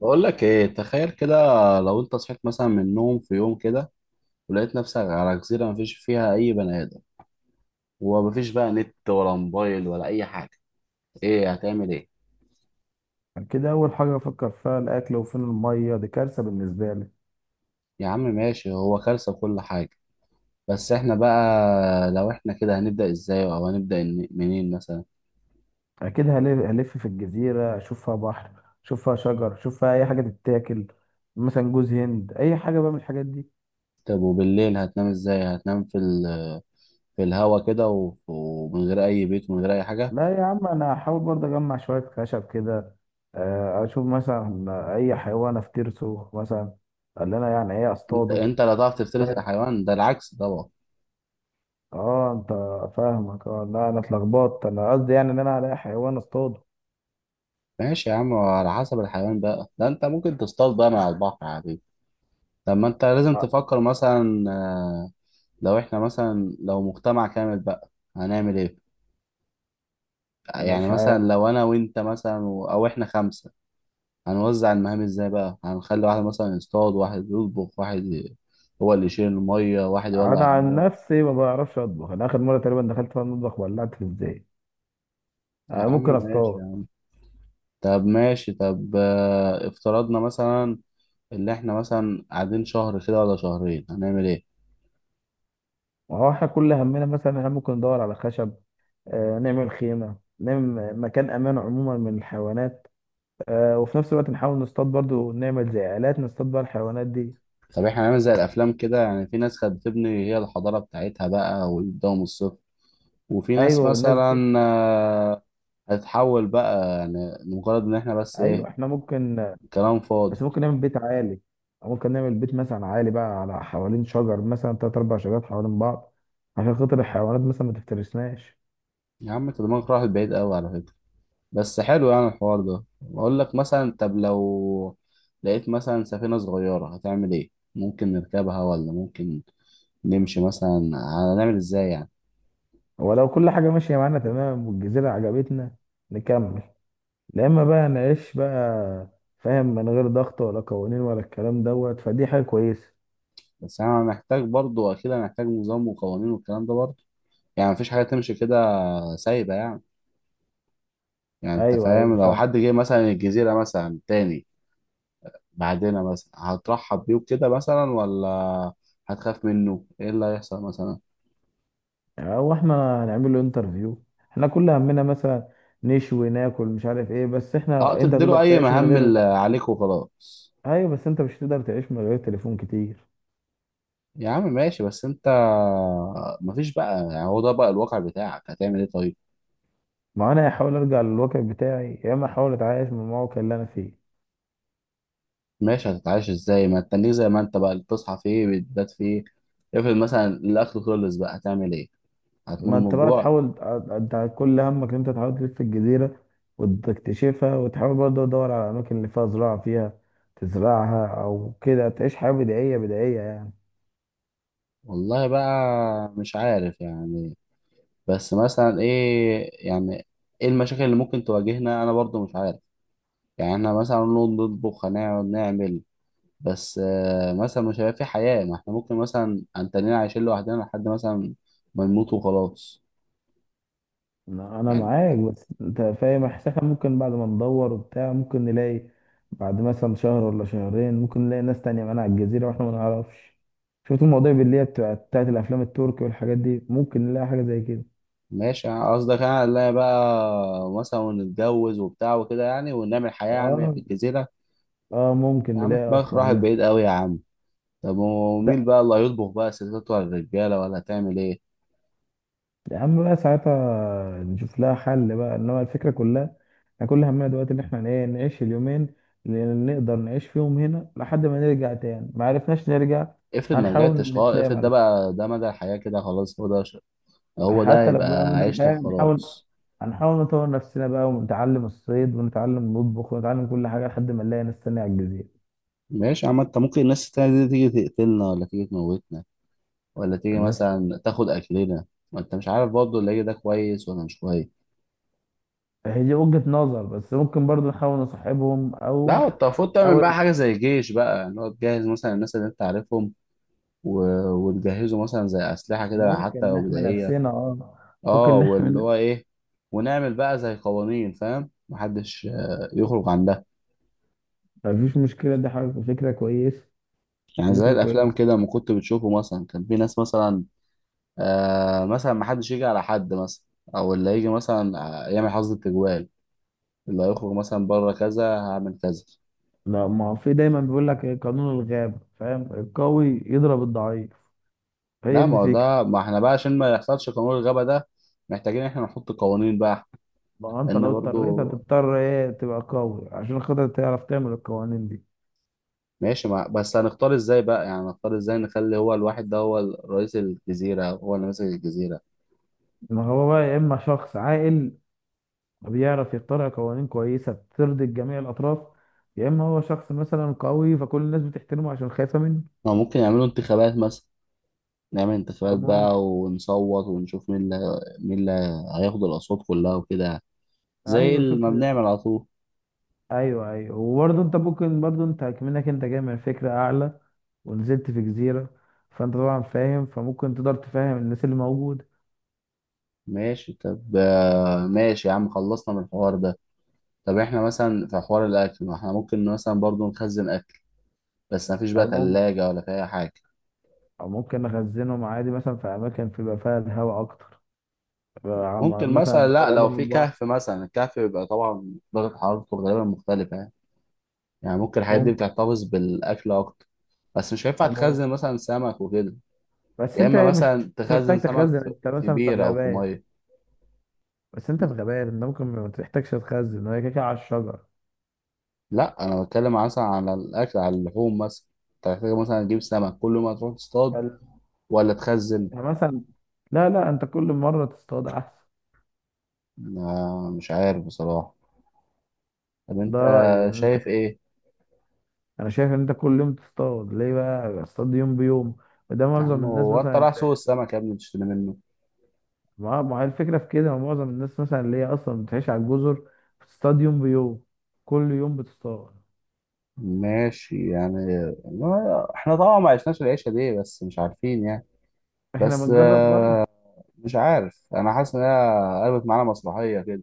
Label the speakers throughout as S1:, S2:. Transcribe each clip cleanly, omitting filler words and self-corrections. S1: بقول لك ايه، تخيل كده. لو انت صحيت مثلا من النوم في يوم كده ولقيت نفسك على جزيرة مفيش فيها اي بني ادم، ومفيش بقى نت ولا موبايل ولا اي حاجة، ايه هتعمل؟ ايه؟
S2: كده أول حاجة أفكر فيها الأكل وفين المية. دي كارثة بالنسبة لي.
S1: يا عم ماشي، هو كارثة كل حاجة. بس احنا بقى لو احنا كده هنبدأ ازاي؟ او هنبدأ منين مثلا؟
S2: أكيد هلف في الجزيرة، أشوف فيها بحر، أشوف فيها شجر، أشوف فيها أي حاجة تتاكل، مثلا جوز هند، أي حاجة بقى من الحاجات دي.
S1: طب وبالليل هتنام ازاي؟ هتنام في في الهوا كده ومن غير اي بيت ومن غير اي حاجة؟
S2: لا يا عم، أنا هحاول برضه أجمع شوية خشب كده. أشوف مثلا أي حيوان أفترسه، مثلا اللي أنا يعني إيه
S1: انت
S2: أصطاده.
S1: انت لا تعرف تفترس
S2: فاهم؟
S1: الحيوان ده، العكس طبعا.
S2: أه أنت. فاهمك، أه لا، أنا اتلخبطت. أنا قصدي يعني إن أنا هلاقي حيوان أصطاده.
S1: ماشي يا عم، على حسب الحيوان بقى ده، انت ممكن تصطاد بقى من على البحر عادي. لما انت لازم
S2: آه،
S1: تفكر مثلا. لو احنا مثلا لو مجتمع كامل بقى، هنعمل ايه؟ يعني
S2: مش
S1: مثلا
S2: عارف.
S1: لو انا وانت مثلا او احنا خمسة، هنوزع المهام ازاي بقى؟ هنخلي واحد مثلا يصطاد، واحد يطبخ، هو اللي يشيل المية، واحد يولع
S2: انا عن
S1: النار.
S2: نفسي ما بعرفش اطبخ. انا اخر مره تقريبا دخلت فيها المطبخ ولعت في الزيت.
S1: يا
S2: آه،
S1: عم
S2: ممكن
S1: ماشي يا
S2: اصطاد.
S1: عم. طب ماشي، طب افترضنا مثلا اللي احنا مثلا قاعدين شهر كده ولا شهرين، هنعمل ايه؟
S2: ما هو احنا كل همنا مثلا احنا ممكن ندور على خشب. نعمل خيمه، نعمل مكان امان عموما من الحيوانات. وفي نفس الوقت نحاول نصطاد برضو، نعمل زي آلات نصطاد بقى الحيوانات دي.
S1: طب احنا هنعمل زي الافلام كده يعني، في ناس كانت بتبني هي الحضاره بتاعتها بقى ويبداوا من الصفر، وفي
S2: ايوه،
S1: ناس
S2: والناس دي.
S1: مثلا هتتحول بقى، يعني مجرد ان احنا بس ايه.
S2: ايوه احنا ممكن.
S1: كلام
S2: بس
S1: فاضي.
S2: ممكن نعمل بيت عالي، أو ممكن نعمل بيت مثلا عالي بقى على حوالين شجر، مثلا تلات اربع شجرات حوالين بعض، عشان خاطر الحيوانات مثلا ما تفترسناش.
S1: يا عم انت دماغك راحت بعيد قوي على فكره. بس حلو يعني الحوار ده. بقول لك مثلا، طب لو لقيت مثلا سفينه صغيره هتعمل ايه؟ ممكن نركبها ولا ممكن نمشي مثلا؟ هنعمل ازاي يعني؟
S2: ولو كل حاجة ماشية معانا تمام والجزيرة عجبتنا، نكمل. لا، إما بقى نعيش بقى، فاهم، من غير ضغط ولا قوانين ولا الكلام دوت، فدي حاجة كويسة.
S1: بس انا محتاج برضو، اكيد هنحتاج نظام وقوانين والكلام ده برضو. يعني مفيش حاجه تمشي كده سايبه يعني. يعني انت
S2: أيوه أيوه،
S1: فاهم، لو
S2: فاهم.
S1: حد جه مثلا الجزيرة مثلا تاني بعدنا مثلا، هترحب بيه وكده مثلا ولا هتخاف منه؟ ايه اللي هيحصل مثلا؟
S2: أو إحنا هنعمل له انترفيو. إحنا كل همنا مثلا نشوي ناكل، مش عارف إيه، بس
S1: اه،
S2: إحنا أنت تقدر
S1: تديله اي
S2: تعيش من
S1: مهام
S2: غير.
S1: اللي عليك وخلاص.
S2: أيوه، بس أنت مش هتقدر تعيش من غير تليفون كتير.
S1: يا عم ماشي بس انت مفيش بقى يعني، هو ده بقى الواقع بتاعك، هتعمل ايه طيب؟
S2: ما أنا هحاول أرجع للواقع بتاعي، يا إما أحاول أتعايش من الموقع اللي أنا فيه.
S1: ماشي، هتتعايش ازاي؟ ما تتنيك زي ما انت بقى اللي بتصحى فيه بتبات فيه. افرض مثلا الاكل خلص بقى، هتعمل ايه؟ هتموت
S2: ما
S1: من
S2: انت بقى
S1: الجوع.
S2: تحاول. انت كل همك ان انت تحاول تلف الجزيرة وتكتشفها، وتحاول برضه تدور على الأماكن اللي فيها زراعة، فيها تزرعها، أو كده تعيش حياة بدائية بدائية يعني.
S1: والله بقى مش عارف يعني. بس مثلا ايه يعني؟ ايه المشاكل اللي ممكن تواجهنا؟ انا برضو مش عارف. يعني احنا مثلا نقعد نطبخ، هنقعد نعمل. بس مثلا مش هيبقى في حياة. ما احنا ممكن مثلا هنتنين عايشين لوحدنا لحد مثلا ما نموت وخلاص
S2: أنا
S1: يعني.
S2: معاك، بس أنت فاهم إحساسها؟ ممكن بعد ما ندور وبتاع ممكن نلاقي. بعد مثلا شهر ولا شهرين ممكن نلاقي ناس تانية معانا على الجزيرة وإحنا ما نعرفش. شفت المواضيع اللي هي بتاعت الأفلام التركي والحاجات دي؟ ممكن نلاقي حاجة زي كده.
S1: ماشي، يعني قصدك انا لا بقى مثلا نتجوز وبتاع وكده يعني، ونعمل حياة يعني
S2: آه
S1: في الجزيرة؟
S2: آه، ممكن
S1: يا عم
S2: نلاقي
S1: دماغك
S2: أصلا
S1: راحت
S2: ناس.
S1: بعيد قوي يا عم. طب ومين
S2: لا
S1: بقى اللي هيطبخ بقى؟ الستات ولا الرجالة؟ ولا هتعمل ايه؟
S2: يا عم، بقى ساعتها نشوف لها حل بقى، انما الفكره كلها احنا كل همنا دلوقتي ان احنا ايه، نعيش اليومين اللي نقدر نعيش فيهم هنا لحد ما نرجع تاني. ما عرفناش نرجع،
S1: افرض ما
S2: هنحاول
S1: رجعتش خالص،
S2: نتلام
S1: افرض ده
S2: على كده.
S1: بقى ده مدى الحياة كده، خلاص هو ده هو ده
S2: حتى لو بقى
S1: هيبقى
S2: مدى
S1: عيشتك
S2: الحياه هنحاول
S1: خلاص.
S2: هنحاول نطور نفسنا بقى، ونتعلم الصيد، ونتعلم نطبخ، ونتعلم كل حاجه لحد ما نلاقي ناس تانية على الجزيره.
S1: ماشي يا عم، انت ممكن الناس التانية دي تيجي تقتلنا ولا تيجي تموتنا، ولا تيجي
S2: الناس
S1: مثلا تاخد أكلنا. ما انت مش عارف برضه اللي هيجي ده كويس ولا مش كويس.
S2: هي دي وجهه نظر، بس ممكن برضو نحاول نصاحبهم،
S1: لا
S2: او
S1: انت المفروض تعمل بقى
S2: نحاول.
S1: حاجة زي جيش بقى يعني، هو تجهز مثلا الناس اللي انت عارفهم و... وتجهزوا مثلا زي أسلحة كده حتى
S2: ممكن
S1: لو
S2: نحمي
S1: بدائية.
S2: نفسنا، اه
S1: اه،
S2: ممكن
S1: واللي
S2: نحمي.
S1: هو ايه، ونعمل بقى زي قوانين، فاهم، محدش يخرج عن ده.
S2: مفيش مشكلة، دي حاجة فكرة كويس.
S1: يعني
S2: دي
S1: زي
S2: فكرة كويس.
S1: الافلام كده ما كنت بتشوفه، مثلا كان في ناس مثلا آه، مثلا ما حدش يجي على حد مثلا، او اللي يجي مثلا يعمل حظ التجوال، اللي هيخرج مثلا بره كذا هعمل كذا.
S2: لا، ما هو في دايما بيقول لك إيه؟ قانون الغابة فاهم، القوي يضرب الضعيف. هي
S1: لا
S2: دي
S1: ما هو
S2: الفكرة.
S1: ده، ما احنا بقى عشان ما يحصلش قانون الغبا ده، محتاجين احنا نحط قوانين بقى.
S2: ما هو انت
S1: ان
S2: لو اضطريت
S1: برضو
S2: هتضطر ايه؟ تبقى قوي عشان خاطر تعرف تعمل القوانين دي.
S1: ماشي بس هنختار ازاي بقى يعني؟ هنختار ازاي نخلي هو الواحد ده هو رئيس الجزيرة، هو اللي ماسك الجزيرة؟
S2: ما هو بقى يا اما شخص عاقل بيعرف يخترع قوانين كويسة ترضي جميع الأطراف، يا اما هو شخص مثلا قوي فكل الناس بتحترمه عشان خايفة منه.
S1: ما ممكن يعملوا انتخابات مثلا. نعمل انتخابات
S2: طب ما هو ممكن.
S1: بقى ونصوت ونشوف مين اللي مين اللي هياخد الأصوات كلها وكده يعني. زي
S2: ايوه شفت.
S1: ما بنعمل على طول.
S2: ايوه ايوه، وبرضه انت ممكن، برضه انت كمنك انت جاي من فكره اعلى ونزلت في جزيره، فانت طبعا فاهم، فممكن تقدر تفهم الناس اللي موجود.
S1: ماشي، طب ماشي يا عم، خلصنا من الحوار ده. طب احنا مثلا في حوار الأكل، ما احنا ممكن مثلا برضو نخزن أكل. بس مفيش بقى
S2: او ممكن
S1: تلاجة ولا في أي حاجة.
S2: او ممكن نخزنهم عادي مثلا في اماكن بيبقى فيها الهواء اكتر، بيبقى
S1: ممكن مثلا،
S2: مثلا
S1: لا لو
S2: قريبه من
S1: في
S2: البحر.
S1: كهف مثلا، الكهف بيبقى طبعا درجة حرارته غالبا مختلفة يعني. يعني ممكن الحاجات دي
S2: ممكن.
S1: بتحتفظ بالأكل أكتر. بس مش هينفع
S2: أو ممكن.
S1: تخزن مثلا سمك وكده.
S2: بس
S1: يا
S2: انت
S1: إما
S2: مش
S1: مثلا تخزن
S2: محتاج تخزن.
S1: سمك في
S2: انت
S1: في
S2: مثلا في
S1: بير أو في
S2: غابات،
S1: مية.
S2: بس انت في غابات انت ممكن ما تحتاجش تخزن، هي كده كده على الشجر.
S1: لا انا بتكلم مثلا على الاكل، على اللحوم مثلا. انت محتاج مثلا تجيب سمك كل ما تروح تصطاد
S2: فال-
S1: ولا تخزن؟
S2: مثلا، لا لا، انت كل مره تصطاد احسن.
S1: آه مش عارف بصراحه. طب
S2: ده
S1: انت
S2: رايي ان انت.
S1: شايف ايه؟
S2: انا شايف ان انت كل يوم تصطاد، ليه بقى؟ اصطاد يوم بيوم. وده
S1: يا
S2: معظم
S1: عم
S2: الناس
S1: هو انت
S2: مثلا.
S1: رايح سوق السمك يا ابني تشتري منه؟
S2: ما هي الفكره في كده، معظم الناس مثلا اللي هي اصلا بتعيش على الجزر بتصطاد يوم بيوم، كل يوم بتصطاد.
S1: ماشي يعني، احنا طبعا ما عشناش العيشه دي، بس مش عارفين يعني.
S2: احنا
S1: بس
S2: بنجرب برضه.
S1: مش عارف، انا حاسس ان هي قلبت معانا مسرحيه كده.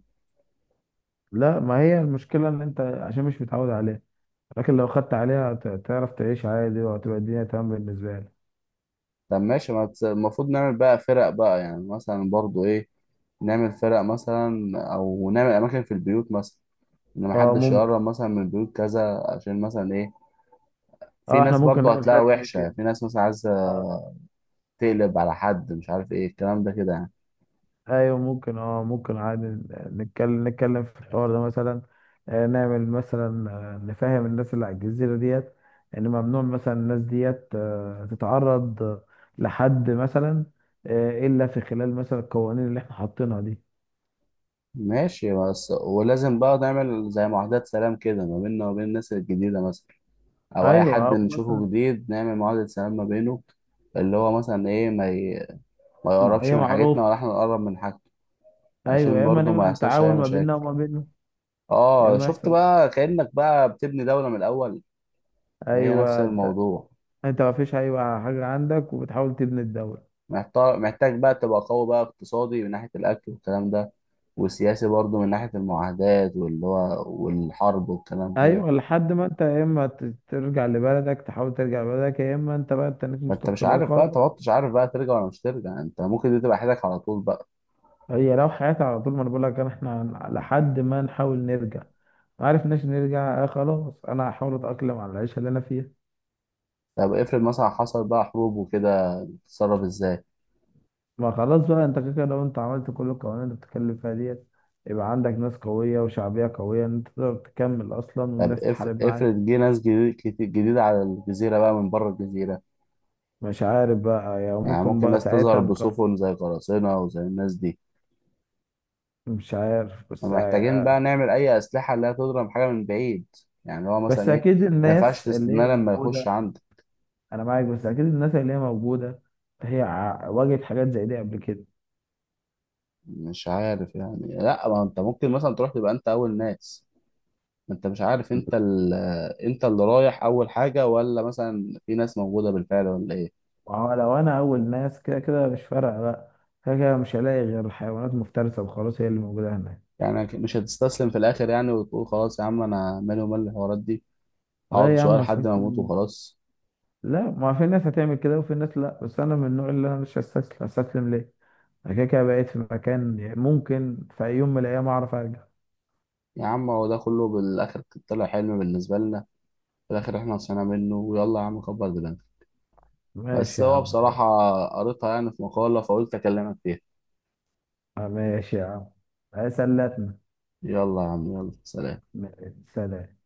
S2: لا، ما هي المشكله ان انت عشان مش متعود عليها. لكن لو خدت عليها تعرف تعيش عادي، وهتبقى الدنيا تمام بالنسبه لك.
S1: طب ماشي، ما تس- المفروض نعمل بقى فرق بقى يعني، مثلا برضو ايه، نعمل فرق مثلا او نعمل اماكن في البيوت مثلا، ان
S2: اه
S1: محدش
S2: ممكن.
S1: يقرب مثلا من بيوت كذا، عشان مثلا ايه، في
S2: اه احنا
S1: ناس
S2: ممكن
S1: برضو
S2: نعمل
S1: هتلاقيها
S2: حاجه زي
S1: وحشة،
S2: كده.
S1: في ناس مثلا عايزة
S2: آه.
S1: تقلب على حد، مش عارف ايه الكلام ده كده يعني.
S2: ايوه ممكن، عادي. نتكلم في الحوار ده مثلا. نعمل مثلا، نفهم الناس اللي على الجزيرة ديت ان ممنوع مثلا الناس ديت تتعرض لحد مثلا، الا في خلال مثلا القوانين اللي احنا حاطينها دي.
S1: ماشي، بس ولازم بقى نعمل زي معاهدات سلام كده ما بيننا وبين الناس الجديدة مثلا، أو أي
S2: ايوه،
S1: حد
S2: او مثلا
S1: نشوفه جديد نعمل معاهدة سلام ما بينه، اللي هو مثلا إيه، ما يقربش
S2: هي
S1: من
S2: معروف.
S1: حاجتنا ولا إحنا نقرب من حاجته،
S2: ايوه،
S1: عشان
S2: يا اما
S1: برضه ما
S2: نعمل
S1: يحصلش أي
S2: تعاون ما
S1: مشاكل.
S2: بيننا وما بينهم، يا
S1: آه
S2: اما
S1: شفت
S2: يحصل.
S1: بقى، كأنك بقى بتبني دولة من الأول، هي نفس
S2: ايوه انت.
S1: الموضوع.
S2: انت، ما فيش، ايوه، حاجة عندك وبتحاول تبني الدولة.
S1: محتار، محتاج بقى تبقى قوي بقى، اقتصادي من ناحية الأكل والكلام ده، وسياسي برضه من ناحية المعاهدات واللي هو والحرب والكلام كده.
S2: ايوه، لحد ما انت يا اما ترجع لبلدك، تحاول ترجع لبلدك، يا اما انت بقى تنك
S1: ما انت مش
S2: مستقر
S1: عارف بقى، انت
S2: خالص.
S1: ما كنتش عارف بقى ترجع ولا مش ترجع، انت ممكن دي تبقى حياتك على طول بقى.
S2: هي لو حياتي على طول، ما انا بقول لك انا، احنا لحد ما نحاول نرجع. ما عرفناش نرجع، آه خلاص انا هحاول اتاقلم على العيشه اللي انا فيها.
S1: طب افرض مثلا حصل بقى حروب وكده، تتصرف ازاي؟
S2: ما خلاص بقى، انت كده كده لو انت عملت كل القوانين اللي بتتكلم فيها ديت، يبقى عندك ناس قويه وشعبيه قويه ان انت تقدر تكمل اصلا،
S1: طب
S2: والناس تحارب معاك.
S1: افرض جه ناس جديدة على الجزيرة بقى من بره الجزيرة،
S2: مش عارف بقى يعني،
S1: يعني
S2: ممكن
S1: ممكن
S2: بقى
S1: ناس تظهر
S2: ساعتها نقرر.
S1: بسفن زي قراصنة وزي الناس دي.
S2: مش عارف، بس
S1: ومحتاجين بقى نعمل أي أسلحة اللي هي تضرب حاجة من بعيد، يعني هو
S2: بس
S1: مثلا إيه،
S2: اكيد
S1: ما ينفعش
S2: الناس اللي هي
S1: تستناه لما يخش
S2: موجوده.
S1: عندك.
S2: انا معاك، بس اكيد الناس اللي هي موجوده هي واجهت حاجات زي دي قبل كده.
S1: مش عارف يعني، لا ما أنت ممكن مثلا تروح تبقى أنت أول ناس. ما أنت مش عارف، أنت اللي رايح أول حاجة ولا مثلا في ناس موجودة بالفعل ولا إيه.
S2: وهو لو انا اول ناس، كده كده مش فارقه بقى. كده كده مش هلاقي غير حيوانات مفترسه وخلاص، هي اللي موجوده هناك.
S1: يعني مش هتستسلم في الآخر يعني، وتقول خلاص يا عم أنا مالي ومال الحوارات دي، أقعد
S2: لا يا
S1: شوية
S2: عم،
S1: لحد ما أموت
S2: استسلم؟
S1: وخلاص.
S2: لا، ما في ناس هتعمل كده وفي ناس لا، بس انا من النوع اللي انا مش هستسلم. هستسلم ليه؟ انا كده كده بقيت في مكان، يعني ممكن في أي يوم من الايام اعرف ارجع.
S1: يا عم هو ده كله بالآخر طلع حلم بالنسبة لنا، في الآخر إحنا صحينا منه، ويلا يا عم كبر دماغك. بس
S2: ماشي يا
S1: هو
S2: عم.
S1: بصراحة قريتها يعني في مقالة، فقلت أكلمك فيها.
S2: آه، ماشي يا عم. آه، سلتنا.
S1: يلا يا عم، يلا سلام.
S2: ماشي، سلام.